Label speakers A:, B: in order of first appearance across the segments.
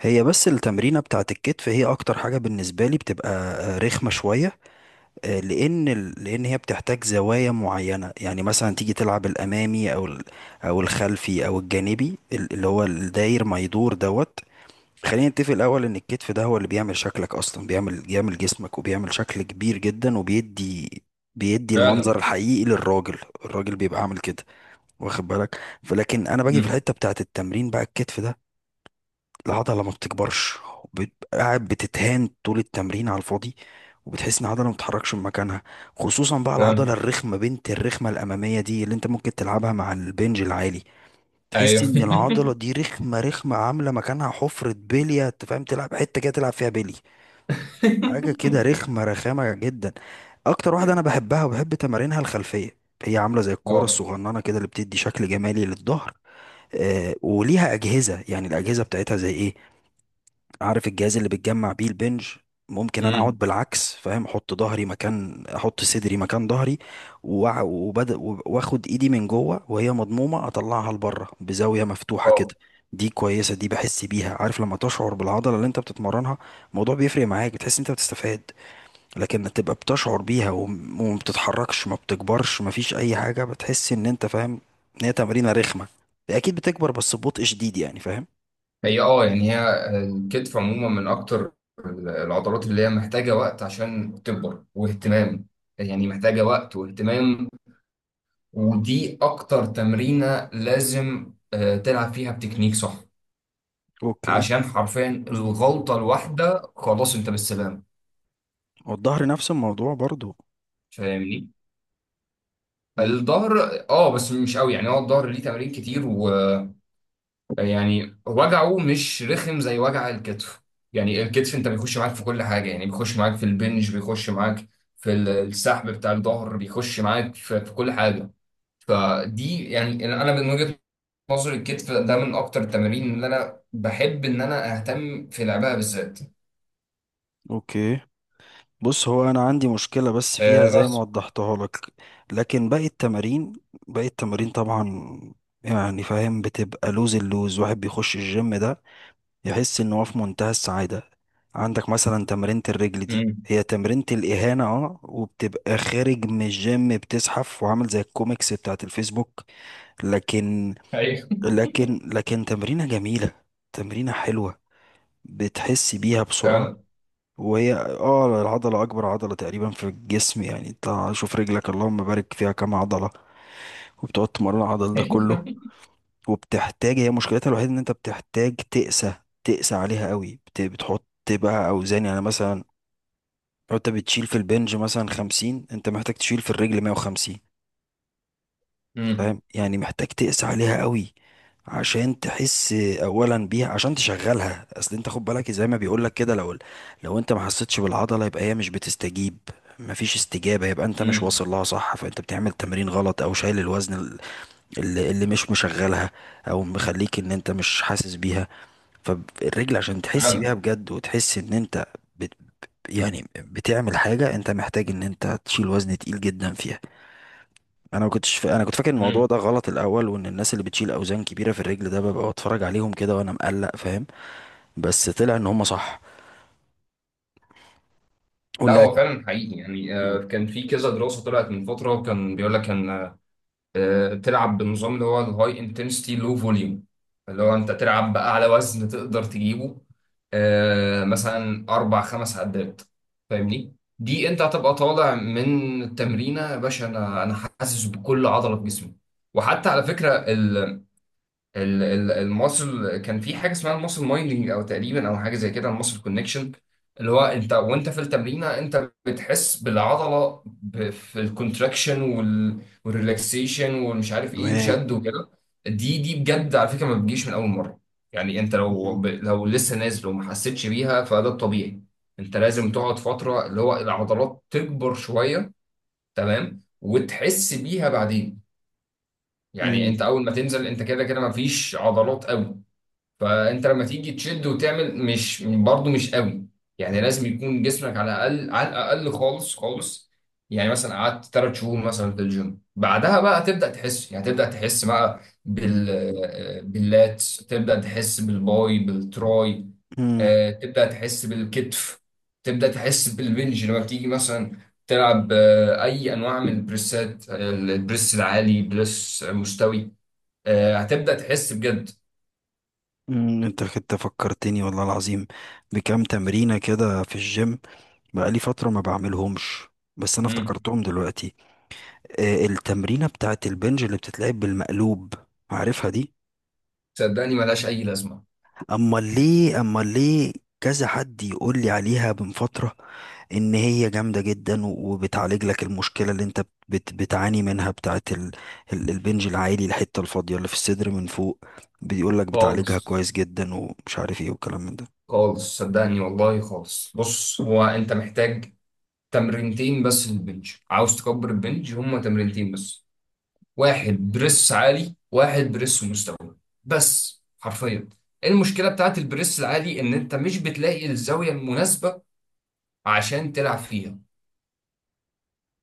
A: هي بس التمرينة بتاعت الكتف، هي أكتر حاجة بالنسبة لي بتبقى رخمة شوية. لأن لأن هي بتحتاج زوايا معينة، يعني مثلا تيجي تلعب الأمامي أو أو الخلفي أو الجانبي، اللي هو الداير ما يدور دوت. خلينا نتفق الأول إن الكتف ده هو اللي بيعمل شكلك، أصلا بيعمل جسمك، وبيعمل شكل كبير جدا، وبيدي
B: فعلا.
A: المنظر الحقيقي للراجل. الراجل بيبقى عامل كده، واخد بالك؟ فلكن انا باجي في
B: امم
A: الحته بتاعت التمرين بقى، الكتف ده، العضلة ما بتكبرش، قاعد بتتهان طول التمرين على الفاضي، وبتحس ان العضلة ما بتتحركش من مكانها. خصوصا بقى العضلة
B: فعلا.
A: الرخمة بنت الرخمة الأمامية دي، اللي انت ممكن تلعبها مع البنج العالي، تحس
B: ايوه.
A: ان العضلة دي رخمة رخمة، عاملة مكانها حفرة بلية، انت فاهم، تلعب حتة كده تلعب فيها بلي. حاجة كده رخمة، رخامة جدا. اكتر واحدة انا بحبها وبحب تمارينها الخلفية، هي عاملة زي الكورة
B: اه.
A: الصغننة كده، اللي بتدي شكل جمالي للظهر. آه، وليها أجهزة، يعني الأجهزة بتاعتها زي ايه؟ عارف الجهاز اللي بتجمع بيه البنج؟ ممكن انا اقعد
B: امم
A: بالعكس، فاهم، احط ظهري مكان، احط صدري مكان ظهري، وبدأ، واخد ايدي من جوه وهي مضمومه، اطلعها لبره بزاويه مفتوحه كده.
B: اه.
A: دي كويسه، دي بحس بيها، عارف لما تشعر بالعضله اللي انت بتتمرنها؟ الموضوع بيفرق معاك، بتحس انت بتستفاد. لكن تبقى بتشعر بيها، وما بتتحركش، ما بتكبرش، ما فيش اي حاجه، بتحس ان انت فاهم ان هي تمرينه رخمه. اكيد بتكبر بس ببطء شديد، يعني فاهم.
B: هي يعني هي الكتف عموما من اكتر العضلات اللي هي محتاجه وقت عشان تكبر واهتمام. يعني محتاجه وقت واهتمام. ودي اكتر تمرينه لازم تلعب فيها بتكنيك صح،
A: اوكي.
B: عشان حرفيا الغلطه الواحده خلاص انت بالسلام.
A: والظهر نفس الموضوع برضو.
B: فاهمني؟
A: مم.
B: الظهر. اه بس مش قوي. يعني هو الظهر ليه تمارين كتير و... يعني وجعه مش رخم زي وجع الكتف. يعني الكتف انت بيخش معاك في كل حاجه. يعني بيخش معاك في البنج، بيخش معاك في السحب بتاع الظهر، بيخش معاك في كل حاجه. فدي يعني انا من وجهه نظري الكتف ده من اكتر التمارين اللي انا بحب ان انا اهتم في لعبها بالذات.
A: اوكي. بص، هو انا عندي مشكله بس فيها
B: آه،
A: زي ما
B: بس.
A: وضحتها لك، لكن باقي التمارين، باقي التمارين طبعا، يعني فاهم، بتبقى لوز. اللوز واحد بيخش الجيم ده، يحس ان هو في منتهى السعاده. عندك مثلا تمرينة الرجل دي،
B: امم
A: هي تمرينة الإهانة، وبتبقى خارج من الجيم بتزحف، وعامل زي الكوميكس بتاعت الفيسبوك. لكن،
B: ايوه.
A: لكن تمرينة جميلة، تمرينة حلوة، بتحس بيها بسرعة.
B: فعلا.
A: وهي العضلة أكبر عضلة تقريبا في الجسم، يعني انت شوف رجلك، اللهم بارك فيها، كام عضلة! وبتقعد تمرن العضل ده
B: ايوه.
A: كله. وبتحتاج، هي مشكلتها الوحيدة إن أنت بتحتاج تقسى، تقسى عليها قوي. بتحط بقى أوزان، يعني مثلا لو أنت بتشيل في البنج مثلا 50، أنت محتاج تشيل في الرجل 150. فاهم
B: امم.
A: يعني، محتاج تقسى عليها قوي عشان تحس اولا بيها، عشان تشغلها. اصل انت خد بالك زي ما بيقولك كده، لو انت ما حسيتش بالعضله، يبقى هي مش بتستجيب، مفيش استجابه، يبقى انت مش
B: امم.
A: واصل لها صح، فانت بتعمل تمرين غلط، او شايل الوزن اللي مش مشغلها، او مخليك ان انت مش حاسس بيها. فالرجل عشان تحس بيها
B: فعلا.
A: بجد، وتحس ان انت بت يعني بتعمل حاجه، انت محتاج ان انت تشيل وزن تقيل جدا فيها. انا ما كنتش فا... انا كنت فاكر الموضوع
B: امم.
A: ده غلط الاول، وان الناس اللي بتشيل اوزان كبيره في الرجل ده، ببقى بتفرج عليهم كده وانا مقلق، فاهم. بس طلع ان هم صح،
B: لا،
A: ولا؟
B: هو فعلا حقيقي. يعني
A: مم.
B: كان في كذا دراسة طلعت من فترة كان بيقول لك ان تلعب بالنظام اللي هو الهاي انتنسيتي لو فوليوم، اللي هو انت تلعب باعلى وزن تقدر تجيبه، مثلا اربع خمس عدات. فاهمني؟ دي انت هتبقى طالع من التمرينه يا باشا. انا حاسس بكل عضله في جسمي. وحتى على فكره، الماسل، كان في حاجه اسمها الماسل مايندنج او تقريبا او حاجه زي كده الماسل كونكشن، اللي هو انت وانت في التمرينه انت بتحس بالعضله في الكونتراكشن والريلاكسيشن والمش عارف ايه
A: تمام.
B: الشد وكده. دي بجد على فكره ما بتجيش من اول مره. يعني انت لو
A: مم.
B: ب- لو لسه نازل وما حسيتش بيها فده الطبيعي. انت لازم تقعد فتره اللي هو العضلات تكبر شويه، تمام، وتحس بيها بعدين. يعني
A: مم.
B: انت اول ما تنزل انت كده كده ما فيش عضلات قوي، فانت لما تيجي تشد وتعمل مش برضه مش قوي. يعني لازم يكون جسمك على الاقل، على الاقل خالص خالص. يعني مثلا قعدت 3 شهور مثلا في الجيم بعدها بقى هتبدا تحس. يعني هتبدا تحس بقى باللات، تبدا تحس بالباي بالتراي،
A: مم.
B: تبدا تحس بالكتف، تبدا تحس بالبنج لما بتيجي مثلا تلعب اي انواع من البريسات، البريس العالي، بريس مستوي. هتبدا تحس بجد.
A: مم. انت كنت فكرتني والله العظيم بكام تمرينة كده في الجيم، بقالي فترة ما بعملهمش، بس انا
B: مم.
A: افتكرتهم دلوقتي. آه، التمرينة بتاعت البنج اللي بتتلعب بالمقلوب، عارفها دي؟
B: صدقني ملهاش أي لازمة.
A: امال ليه، امال ليه؟ كذا حد يقول لي عليها من فترة، ان هي جامدة جدا، وبتعالج لك المشكلة اللي انت بتعاني منها، بتاعت ال البنج العالي، الحتة الفاضية اللي في الصدر من فوق. بيقول لك بتعالجها
B: خالص
A: كويس جدا، ومش عارف ايه، والكلام من ده.
B: خالص، صدقني والله خالص. بص، هو أنت محتاج تمرينتين بس للبنج. عاوز تكبر البنج؟ هما تمرينتين بس، واحد بريس عالي واحد بريس مستوي، بس. حرفيا المشكلة بتاعت البريس العالي إن أنت مش بتلاقي الزاوية المناسبة عشان تلعب فيها.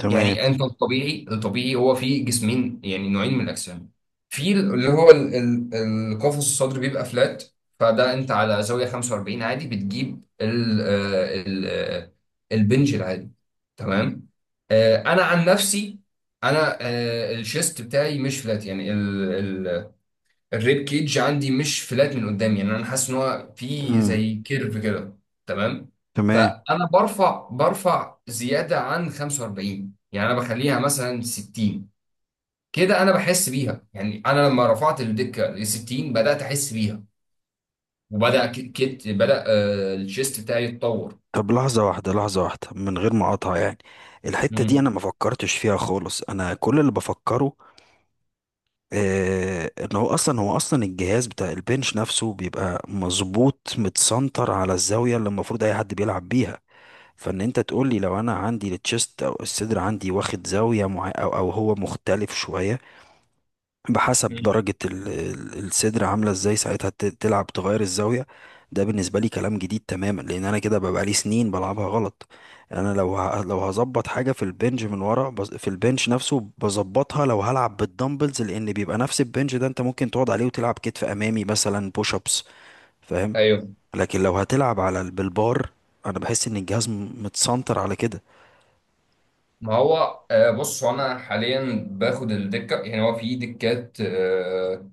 A: تمام.
B: يعني انت الطبيعي الطبيعي هو فيه جسمين، يعني نوعين من الاجسام. في اللي هو القفص الصدري بيبقى فلات، فده انت على زاويه 45 عادي بتجيب ال البنج العادي. تمام. انا عن نفسي، انا الشيست بتاعي مش فلات يعني. الريب كيج عندي مش فلات من قدام. يعني انا حاسس ان هو في
A: امم.
B: زي كيرف كده. تمام.
A: تمام.
B: فانا برفع زياده عن 45. يعني انا بخليها مثلا 60. كده انا بحس بيها. يعني انا لما رفعت الدكه ل 60 بدات احس بيها، وبدا ك- كت بدا الشيست بتاعي يتطور.
A: طب لحظة واحدة، لحظة واحدة، من غير ما اقاطع يعني. الحتة دي انا
B: مم.
A: ما فكرتش فيها خالص، انا كل اللي بفكره، آه، ان هو اصلا، هو اصلا الجهاز بتاع البنش نفسه بيبقى مظبوط، متسنتر على الزاويه اللي المفروض اي حد بيلعب بيها. فان انت تقول لي لو انا عندي التشيست او الصدر عندي واخد زاويه معينه، او هو مختلف شويه بحسب
B: مم.
A: درجة الصدر عاملة ازاي، ساعتها تلعب تغير الزاوية. ده بالنسبة لي كلام جديد تماما، لأن أنا كده ببقى لي سنين بلعبها غلط. أنا لو هظبط حاجة في البنج من ورا، في البنج نفسه بظبطها، لو هلعب بالدمبلز، لأن بيبقى نفس البنج ده، أنت ممكن تقعد عليه وتلعب كتف أمامي مثلا، بوش أبس، فاهم.
B: ايوه.
A: لكن لو هتلعب على بالبار، أنا بحس إن الجهاز متسنتر على كده.
B: ما هو بص، هو انا حاليا باخد الدكه. يعني هو في دكات، آه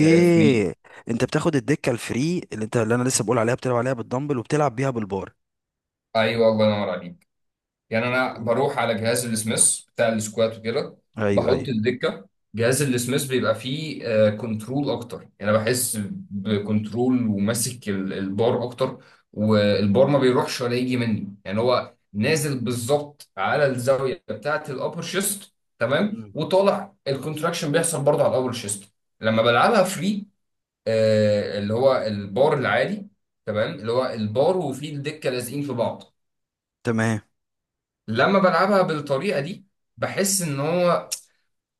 B: آه فري.
A: أنت بتاخد الدكة الفري اللي أنت، اللي أنا لسه بقول عليها، بتلعب عليها بالدمبل وبتلعب بيها بالبار.
B: ايوه، الله ينور عليك. يعني انا
A: ايوه.
B: بروح على جهاز السميث بتاع السكوات وكده،
A: ايوه.
B: بحط الدكه. جهاز السميث بيبقى فيه كنترول اكتر. يعني انا بحس بكنترول، وماسك البار اكتر. والبار ما بيروحش ولا يجي مني. يعني هو نازل بالظبط على الزاويه بتاعه الابر شيست. تمام.
A: مم.
B: وطالع الكونتراكشن بيحصل برضه على الابر شيست لما بلعبها فري، اللي هو البار العادي. تمام، اللي هو البار وفيه الدكه لازقين في بعض.
A: تمام.
B: لما بلعبها بالطريقة دي بحس ان هو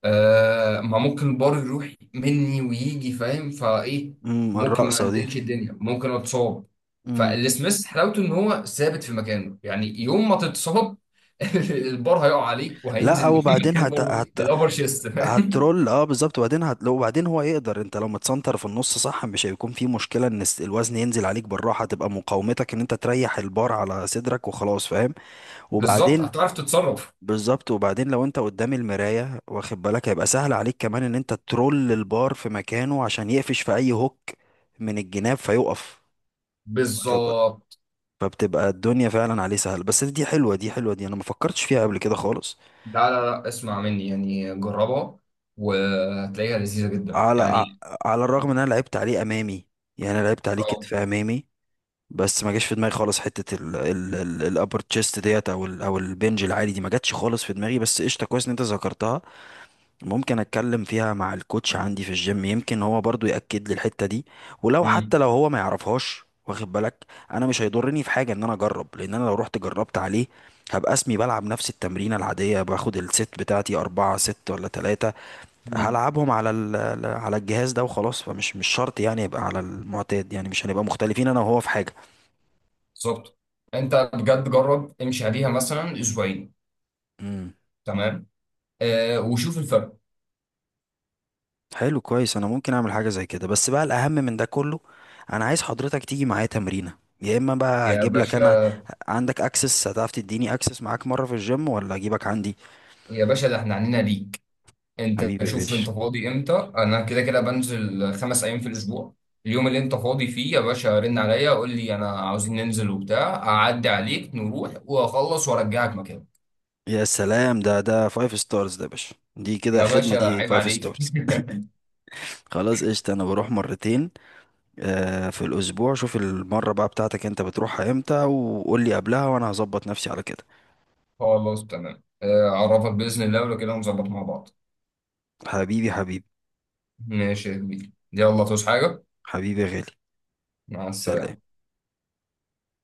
B: ما ممكن البار يروح مني ويجي. فاهم فايه؟
A: امم،
B: ممكن ما
A: الرقصه دي.
B: عندلش الدنيا، ممكن اتصاب.
A: امم.
B: فالسميث حلاوته ان هو ثابت في مكانه. يعني يوم ما تتصاب البار هيقع عليك
A: لا،
B: وهينزل من
A: وبعدين
B: مكان برضه الابر شيست، فاهم؟
A: هترول، اه بالظبط، وبعدين هت... لو وبعدين هو يقدر، انت لو متسنتر في النص صح، مش هيكون في مشكله ان الوزن ينزل عليك بالراحه، تبقى مقاومتك ان انت تريح البار على صدرك وخلاص، فاهم.
B: بالظبط،
A: وبعدين
B: هتعرف تتصرف.
A: بالظبط، وبعدين لو انت قدام المرايه، واخد بالك، هيبقى سهل عليك كمان ان انت ترول البار في مكانه عشان يقفش في اي هوك من الجناب فيقف.
B: بالظبط.
A: فبتبقى الدنيا فعلا عليه سهل. بس دي حلوه، دي حلوه، دي انا ما فكرتش فيها قبل كده خالص.
B: لا لا لا، اسمع مني يعني، جربها وهتلاقيها لذيذة جدا
A: على ع-
B: يعني.
A: على الرغم ان انا لعبت عليه امامي، يعني انا لعبت عليه
B: اه.
A: كتف امامي، بس ما جاش في دماغي خالص حته ال الابر تشيست ديت، او البنج العالي دي، ما جاتش خالص في دماغي، بس قشطه كويس ان انت ذكرتها. ممكن اتكلم فيها مع الكوتش عندي في الجيم، يمكن هو برضو يأكد لي الحتة دي، ولو
B: مم.
A: حتى لو هو ما يعرفهاش، واخد بالك، انا مش هيضرني في حاجة ان انا اجرب، لان انا لو رحت جربت عليه، هبقى اسمي بلعب نفس التمرينة العادية، باخد الست بتاعتي اربعة ست ولا تلاتة،
B: مم.
A: هلعبهم على على الجهاز ده وخلاص، فمش، مش شرط يعني، يبقى على المعتاد يعني، مش هنبقى مختلفين انا وهو في حاجة.
B: بالظبط. انت بجد جرب امشي عليها مثلا اسبوعين،
A: مم.
B: تمام، وشوف الفرق.
A: حلو، كويس، انا ممكن اعمل حاجه زي كده. بس بقى، الاهم من ده كله، انا عايز حضرتك تيجي معايا تمرينه، يا اما بقى
B: يا
A: اجيب لك انا.
B: باشا،
A: عندك اكسس؟ هتعرف تديني اكسس معاك مره في الجيم، ولا اجيبك عندي؟
B: يا باشا، ده احنا عنينا ليك. انت
A: حبيبي يا
B: شوف
A: باشا!
B: انت فاضي امتى. انا كده كده بنزل 5 ايام في الاسبوع. اليوم اللي انت فاضي فيه يا باشا رن عليا قول لي، انا عاوزين ننزل وبتاع، اعدي عليك نروح واخلص وارجعك مكان.
A: يا سلام، ده فايف ستارز، ده يا باشا، دي كده
B: يا
A: خدمه،
B: باشا
A: دي
B: عيب
A: فايف
B: عليك.
A: ستارز. خلاص، قشطه، انا بروح مرتين في الاسبوع. شوف المره بقى بتاعتك انت بتروحها امتى، وقول لي قبلها، وانا هظبط نفسي على كده.
B: خلاص تمام. اعرفك باذن الله ولو كده نظبط مع بعض.
A: حبيبي، حبيبي،
B: ماشي يا كبير، يلا تصحى حاجه.
A: حبيبي يا غالي.
B: مع
A: سلام.
B: السلامه.